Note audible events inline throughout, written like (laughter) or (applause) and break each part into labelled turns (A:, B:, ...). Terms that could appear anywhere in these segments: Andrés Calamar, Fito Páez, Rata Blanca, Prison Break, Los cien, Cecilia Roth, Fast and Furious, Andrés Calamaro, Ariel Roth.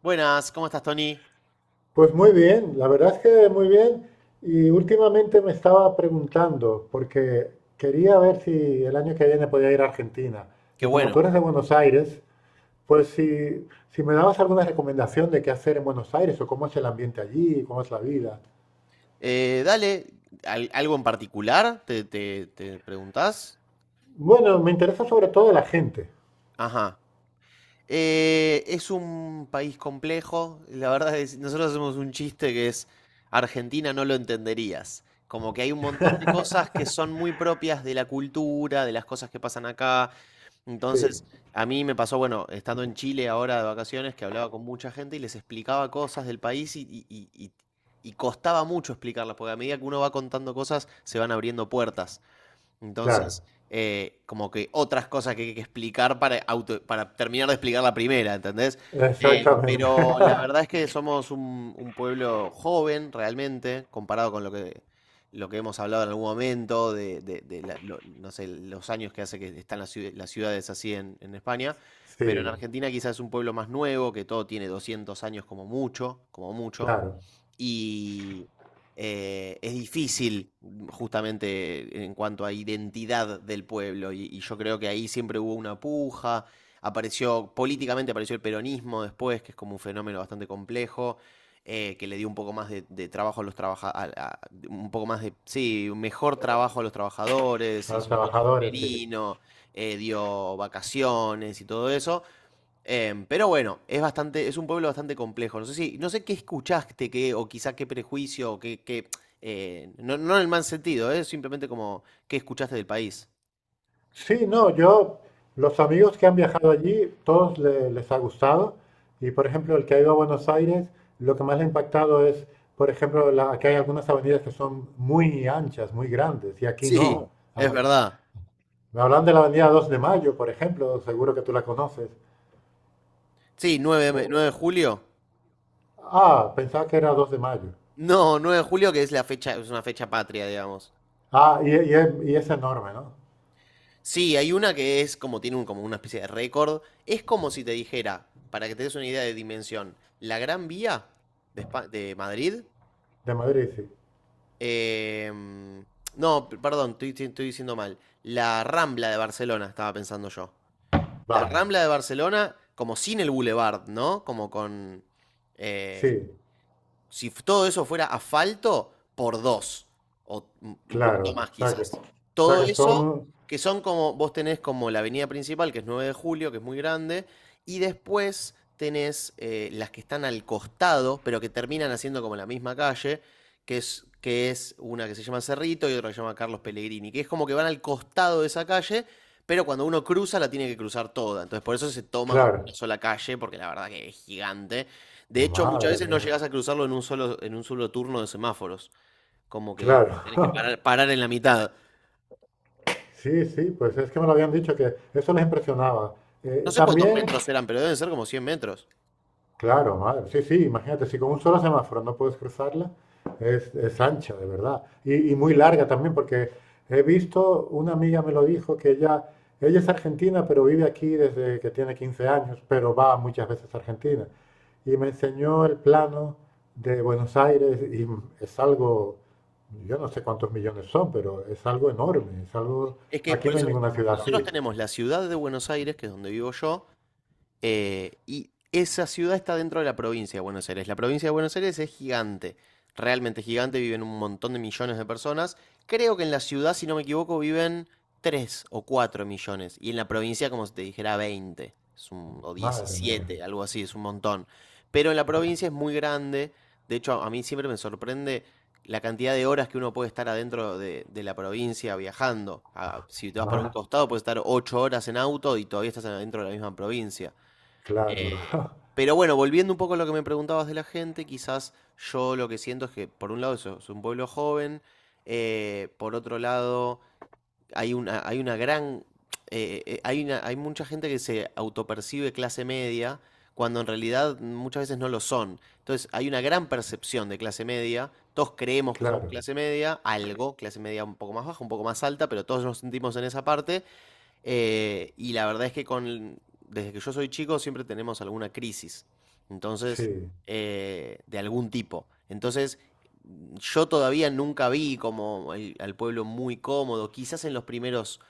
A: Buenas, ¿cómo estás, Tony?
B: Pues muy bien, la verdad es que muy bien. Y últimamente me estaba preguntando, porque quería ver si el año que viene podía ir a Argentina.
A: Qué
B: Y como
A: bueno.
B: tú eres de Buenos Aires, pues si me dabas alguna recomendación de qué hacer en Buenos Aires o cómo es el ambiente allí, cómo es la vida.
A: Eh, dale, ¿Algo en particular? ¿Te preguntás?
B: Bueno, me interesa sobre todo la gente.
A: Ajá. Es un país complejo. La verdad es, nosotros hacemos un chiste que es Argentina no lo entenderías. Como que hay un montón de cosas que son muy propias de la cultura, de las cosas que pasan acá.
B: Sí,
A: Entonces, a mí me pasó, bueno, estando en Chile ahora de vacaciones, que hablaba con mucha gente y les explicaba cosas del país y costaba mucho explicarlas, porque a medida que uno va contando cosas, se van abriendo puertas.
B: claro,
A: Entonces, como que otras cosas que hay que explicar para, para terminar de explicar la primera, ¿entendés? Eh,
B: exactamente.
A: pero la (laughs)
B: (laughs)
A: verdad es que somos un pueblo joven realmente, comparado con lo que hemos hablado en algún momento, no sé, los años que hace que están las ciudades así en España. Pero en
B: Sí,
A: Argentina quizás es un pueblo más nuevo, que todo tiene 200 años como mucho, como mucho.
B: claro,
A: y es difícil, justamente en cuanto a identidad del pueblo y yo creo que ahí siempre hubo una puja, apareció políticamente apareció el peronismo después, que es como un fenómeno bastante complejo. Que le dio un poco más de trabajo a los trabajadores, un poco más de, sí, un mejor trabajo a los trabajadores,
B: a los
A: hizo el voto
B: trabajadores, sí.
A: femenino, dio vacaciones y todo eso. Pero bueno, es bastante, es un pueblo bastante complejo. No sé si, no sé qué escuchaste, qué, o quizá qué prejuicio, no, no en el mal sentido, simplemente como qué escuchaste del país.
B: Sí, no, yo, los amigos que han viajado allí, todos les ha gustado. Y por ejemplo, el que ha ido a Buenos Aires, lo que más le ha impactado es, por ejemplo, que hay algunas avenidas que son muy anchas, muy grandes, y aquí
A: Sí.
B: no.
A: No, es
B: Aquí-
A: verdad.
B: Me hablan de la avenida 2 de Mayo, por ejemplo, seguro que tú la conoces.
A: Sí, 9 de
B: O-
A: julio.
B: ah, pensaba que era 2 de Mayo.
A: No, 9 de julio, que es la fecha, es una fecha patria, digamos.
B: Ah, y es enorme, ¿no?
A: Sí, hay una que es como tiene un, como una especie de récord. Es como si te dijera, para que te des una idea de dimensión, la Gran Vía de Madrid.
B: De Madrid, sí.
A: Em, no, perdón, estoy diciendo mal. La Rambla de Barcelona, estaba pensando yo. La
B: Vale,
A: Rambla de Barcelona, como sin el Boulevard, ¿no? Como con... eh,
B: sí,
A: si todo eso fuera asfalto, por dos, o un poquito
B: claro.
A: más
B: O sea que,
A: quizás.
B: o sea
A: Todo
B: que
A: eso,
B: son,
A: que son como, vos tenés como la avenida principal, que es 9 de julio, que es muy grande, y después tenés las que están al costado, pero que terminan haciendo como la misma calle, que es una que se llama Cerrito y otra que se llama Carlos Pellegrini, que es como que van al costado de esa calle, pero cuando uno cruza la tiene que cruzar toda. Entonces por eso se toma como una
B: claro.
A: sola calle, porque la verdad que es gigante. De hecho, muchas
B: Madre
A: veces no
B: mía.
A: llegas a cruzarlo en en un solo turno de semáforos. Como que
B: Claro,
A: hay que parar, parar en la mitad.
B: (laughs) sí, sí, pues es que me lo habían dicho que eso les impresionaba.
A: No sé cuántos
B: También.
A: metros eran, pero deben ser como 100 metros.
B: Claro, madre. Sí, sí, imagínate, si con un solo semáforo no puedes cruzarla, es ancha, de verdad. Y muy larga también, porque he visto, una amiga me lo dijo, que ella es argentina, pero vive aquí desde que tiene 15 años, pero va muchas veces a Argentina. Y me enseñó el plano de Buenos Aires y es algo, yo no sé cuántos millones son, pero es algo enorme, es algo,
A: Es que
B: aquí
A: por
B: no hay
A: eso,
B: ninguna ciudad
A: nosotros
B: así.
A: tenemos la ciudad de Buenos Aires, que es donde vivo yo. Y esa ciudad está dentro de la provincia de Buenos Aires. La provincia de Buenos Aires es gigante, realmente gigante, viven un montón de millones de personas. Creo que en la ciudad, si no me equivoco, viven 3 o 4 millones. Y en la provincia, como si te dijera, veinte o
B: Madre mía,
A: diecisiete, algo así, es un montón. Pero en la provincia es muy grande. De hecho, a mí siempre me sorprende la cantidad de horas que uno puede estar adentro de la provincia viajando. Ah, si te vas para un
B: más,
A: costado, puedes estar 8 horas en auto y todavía estás adentro de la misma provincia.
B: claro,
A: Eh, pero bueno, volviendo un poco a lo que me preguntabas de la gente, quizás yo lo que siento es que, por un lado, eso, es un pueblo joven, por otro lado, hay una gran. Hay mucha gente que se autopercibe clase media, cuando en realidad muchas veces no lo son. Entonces, hay una gran percepción de clase media. Todos creemos que somos
B: claro,
A: clase media, algo, clase media un poco más baja, un poco más alta, pero todos nos sentimos en esa parte. Y la verdad es que con, desde que yo soy chico siempre tenemos alguna crisis, entonces, sí,
B: sí,
A: de algún tipo. Entonces, yo todavía nunca vi como al pueblo muy cómodo, quizás en los primeros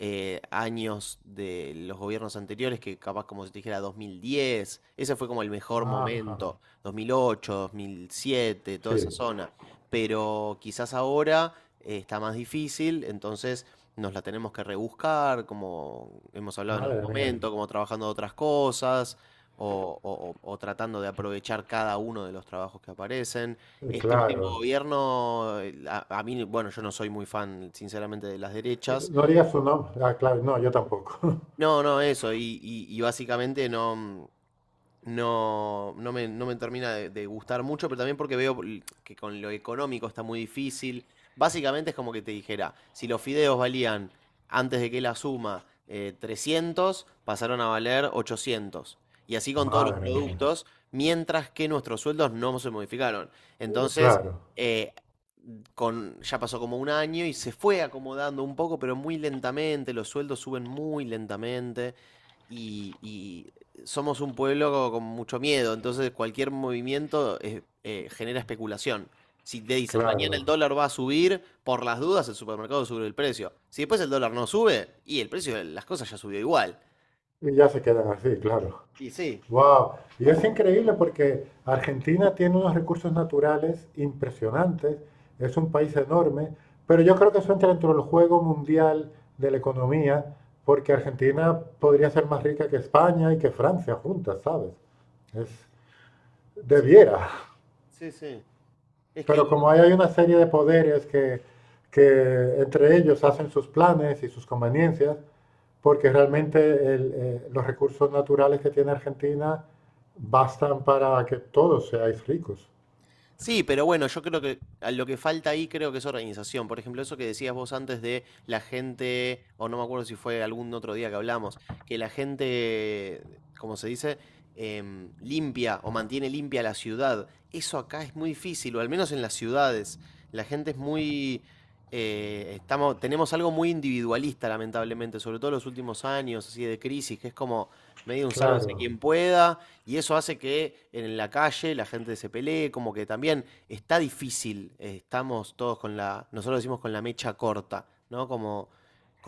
A: años de los gobiernos anteriores, que capaz como se te dijera 2010, ese fue como el mejor
B: ajá.
A: momento, 2008, 2007, toda esa
B: Sí,
A: zona. Pero quizás ahora está más difícil, entonces nos la tenemos que rebuscar, como hemos hablado en algún
B: madre mía.
A: momento, como trabajando de otras cosas. O tratando de aprovechar cada uno de los trabajos que aparecen. Este último
B: Claro.
A: gobierno, a mí, bueno, yo no soy muy fan, sinceramente, de las derechas,
B: No haría su nombre. Ah, claro, no, yo tampoco. (laughs)
A: no, no, eso. Y básicamente no me, no me termina de gustar mucho, pero también porque que con lo económico está muy difícil. Básicamente es como que te dijera, si los fideos valían antes de que la suma 300, pasaron a valer 800. Y así con todos los
B: Madre mía,
A: productos, mientras que nuestros sueldos no se modificaron. Entonces, (laughs)
B: claro,
A: eh, con, ya pasó como un año y se fue acomodando un poco, pero muy lentamente, los sueldos suben muy lentamente y somos un pueblo con mucho miedo, entonces cualquier movimiento genera especulación. Si te dicen mañana el
B: claro.
A: dólar va a subir, por las dudas el supermercado sube el precio. Si después el dólar no sube, y el precio de las cosas ya subió igual.
B: Y ya se quedan así, claro.
A: Y sí,
B: Wow. Y es increíble porque Argentina tiene unos recursos naturales impresionantes, es un país enorme, pero yo creo que eso entra dentro del juego mundial de la economía, porque Argentina podría ser más rica que España y que Francia juntas, ¿sabes? Es, debiera. (laughs)
A: sí, sí. Es que
B: Pero como ahí hay una serie de poderes que entre ellos hacen sus planes y sus conveniencias, porque realmente el, los recursos naturales que tiene Argentina bastan para que todos seáis ricos.
A: sí, pero bueno, yo creo que a lo que falta ahí creo que es organización. Por ejemplo, eso que decías vos antes de la gente, o no me acuerdo si fue algún otro día que hablamos, que la gente, como se dice, limpia o mantiene limpia la ciudad. Eso acá es muy difícil, o al menos en las ciudades. La gente es muy... estamos, tenemos algo muy individualista, lamentablemente, sobre todo en los últimos años, así de crisis, que es como medio un sálvese
B: Claro,
A: quien pueda, y eso hace que en la calle la gente se pelee, como que también está difícil, estamos todos con la, nosotros decimos con la mecha corta, ¿no? Como,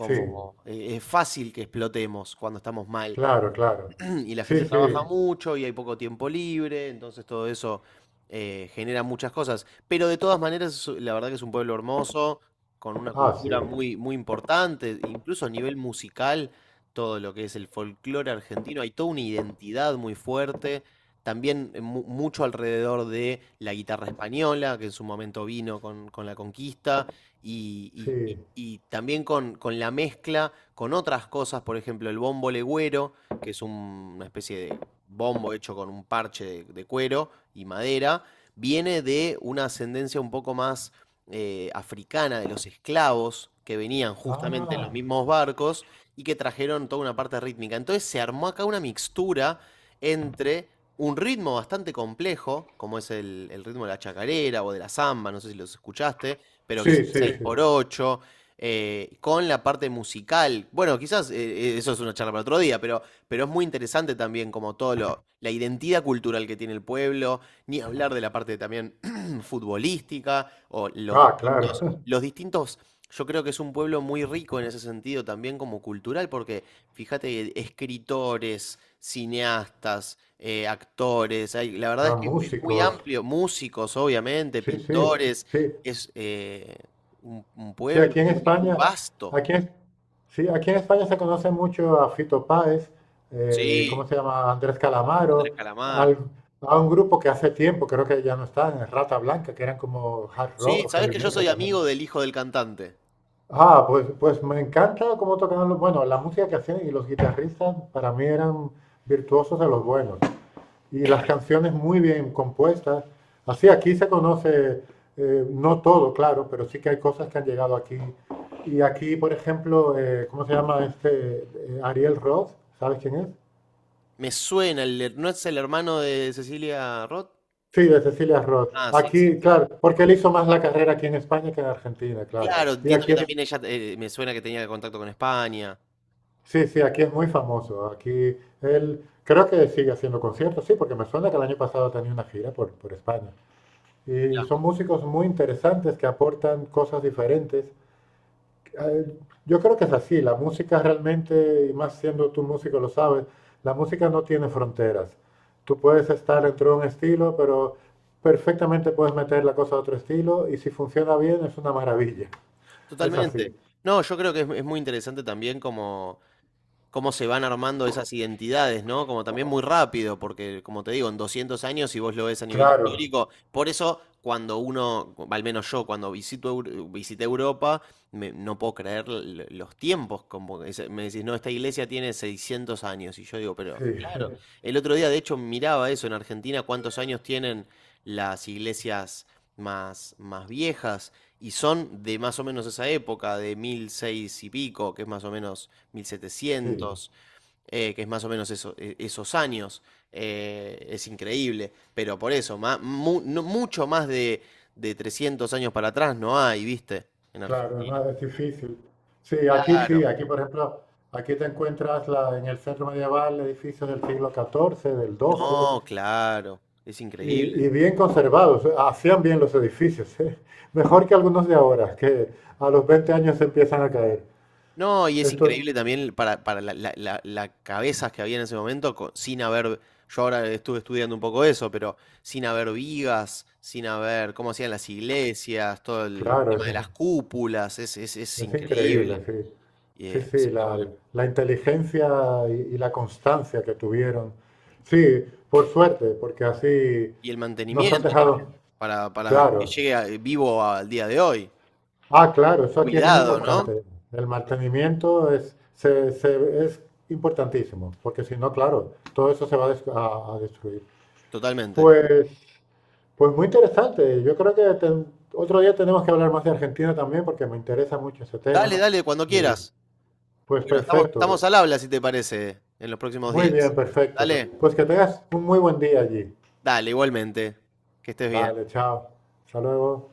B: sí,
A: eh, es fácil que explotemos cuando estamos mal.
B: claro, claro.
A: (clears throat) Y la
B: Sí,
A: gente
B: sí.
A: trabaja mucho y hay poco tiempo libre, entonces todo eso genera muchas cosas. Pero de todas maneras, la verdad que es un pueblo hermoso, con una
B: Ah, sí,
A: cultura muy, muy importante, incluso a nivel musical, todo lo que es el folclore argentino, hay toda una identidad muy fuerte. También mucho alrededor de la guitarra española, que en su momento vino con la conquista, y, y-
B: sí.
A: y- y también con la mezcla con otras cosas, por ejemplo, el bombo legüero, que es una especie de bombo hecho con un parche de cuero y madera, viene de una ascendencia un poco más africana de los esclavos que venían justamente en los
B: Ah,
A: mismos barcos y que trajeron toda una parte rítmica. Entonces se armó acá una mixtura entre un ritmo bastante complejo, como es el ritmo de la chacarera o de la samba, no sé si los escuchaste, pero que es
B: sí,
A: un
B: sí, sí.
A: 6x8, con la parte musical. Bueno, quizás eso es una charla para otro día, pero es muy interesante también como todo lo, la identidad cultural que tiene el pueblo, ni hablar de la parte también (clears throat) futbolística o
B: Ah, claro. (laughs)
A: los distintos, yo creo que es un pueblo muy rico en ese sentido también como cultural, porque fíjate, escritores, cineastas, actores, la verdad
B: Ah,
A: es que es muy
B: músicos.
A: amplio, músicos obviamente,
B: Sí, sí,
A: pintores,
B: sí.
A: es un
B: Sí,
A: pueblo
B: aquí en
A: muy, muy
B: España,
A: vasto.
B: aquí en, sí, aquí en España se conoce mucho a Fito Páez,
A: Sí,
B: ¿cómo se llama? Andrés
A: Andrés
B: Calamaro,
A: Calamar.
B: al- a un grupo que hace tiempo, creo que ya no están, Rata Blanca, que eran como hard
A: Sí,
B: rock o
A: sabes
B: heavy
A: que yo
B: metal
A: soy
B: también.
A: amigo del hijo del cantante.
B: Ah, pues, pues me encanta cómo tocaban los, bueno, la música que hacían y los guitarristas para mí eran virtuosos de los buenos y las canciones muy bien compuestas. Así aquí se conoce, no todo, claro, pero sí que hay cosas que han llegado aquí. Y aquí, por ejemplo, ¿cómo se llama este? Ariel Roth, ¿sabes quién es?
A: Me suena, ¿no es el hermano de Cecilia Roth?
B: Sí, de Cecilia Roth.
A: Ah, sí. Sí.
B: Aquí, claro, porque él hizo más la carrera aquí en España que en Argentina, claro.
A: Claro,
B: Y
A: entiendo
B: aquí
A: que
B: es,
A: también ella me suena que tenía contacto con España.
B: sí, sí, aquí es muy famoso. Aquí él creo que sigue haciendo conciertos, sí, porque me suena que el año pasado tenía una gira por España. Y son
A: Claro.
B: músicos muy interesantes que aportan cosas diferentes. Eh, Yo creo que es así, la música realmente, y más siendo tú músico lo sabes, la música no tiene fronteras. Tú puedes estar dentro de un estilo, pero perfectamente puedes meter la cosa a otro estilo y si funciona bien es una maravilla. Es así.
A: Totalmente. No, yo creo que es muy interesante también como cómo se van armando esas identidades, ¿no? Como también muy rápido, porque como te digo, en 200 años, si vos lo ves a nivel
B: Claro,
A: histórico, por eso cuando uno, al menos yo, cuando visito, visité Europa, no puedo creer los tiempos, como que me decís, no, esta iglesia tiene 600 años, y yo digo, pero
B: sí, (laughs)
A: claro, (laughs) el otro día de hecho miraba eso en Argentina, cuántos años tienen las iglesias más, más viejas, y son de más o menos esa época, de 1600 y pico, que es más o menos
B: sí,
A: 1700, que es más o menos esos años. Es increíble, pero por eso, mucho más de 300 años para atrás no hay, ¿viste? En
B: claro, es
A: Argentina.
B: más, es difícil.
A: Claro,
B: Sí, aquí por ejemplo, aquí te encuentras en el centro medieval edificios del siglo XIV, del XII.
A: no, claro, es
B: Y,
A: increíble.
B: y bien conservados, hacían bien los edificios, ¿eh? Mejor que algunos de ahora, que a los 20 años se empiezan a caer.
A: No, y es
B: Esto es,
A: increíble también para la, la cabezas que había en ese momento, sin haber, yo ahora estuve estudiando un poco eso, pero sin haber vigas, sin haber cómo hacían las iglesias, todo el
B: claro,
A: tema de las cúpulas, es
B: es
A: increíble.
B: increíble, sí. Sí,
A: Así
B: sí,
A: que
B: la,
A: bueno.
B: la inteligencia y la constancia que tuvieron. Sí, por suerte, porque así
A: Y el
B: nos han
A: mantenimiento
B: dejado,
A: también, para,
B: claro.
A: vivo al día de hoy.
B: Ah, claro, eso aquí es muy
A: Cuidado, ¿no?
B: importante. El mantenimiento es, es importantísimo, porque si no, claro, todo eso se va a, a destruir.
A: Totalmente.
B: Pues Pues muy interesante. Yo creo que otro día tenemos que hablar más de Argentina también porque me interesa mucho ese tema.
A: Dale, dale, cuando
B: Y,
A: quieras.
B: pues
A: Bueno, estamos,
B: perfecto.
A: estamos al habla, si te parece, en los próximos
B: Muy bien,
A: días.
B: perfecto.
A: Dale,
B: Pues que tengas un muy buen día allí.
A: dale, igualmente. Que estés bien.
B: Vale, chao. Hasta luego.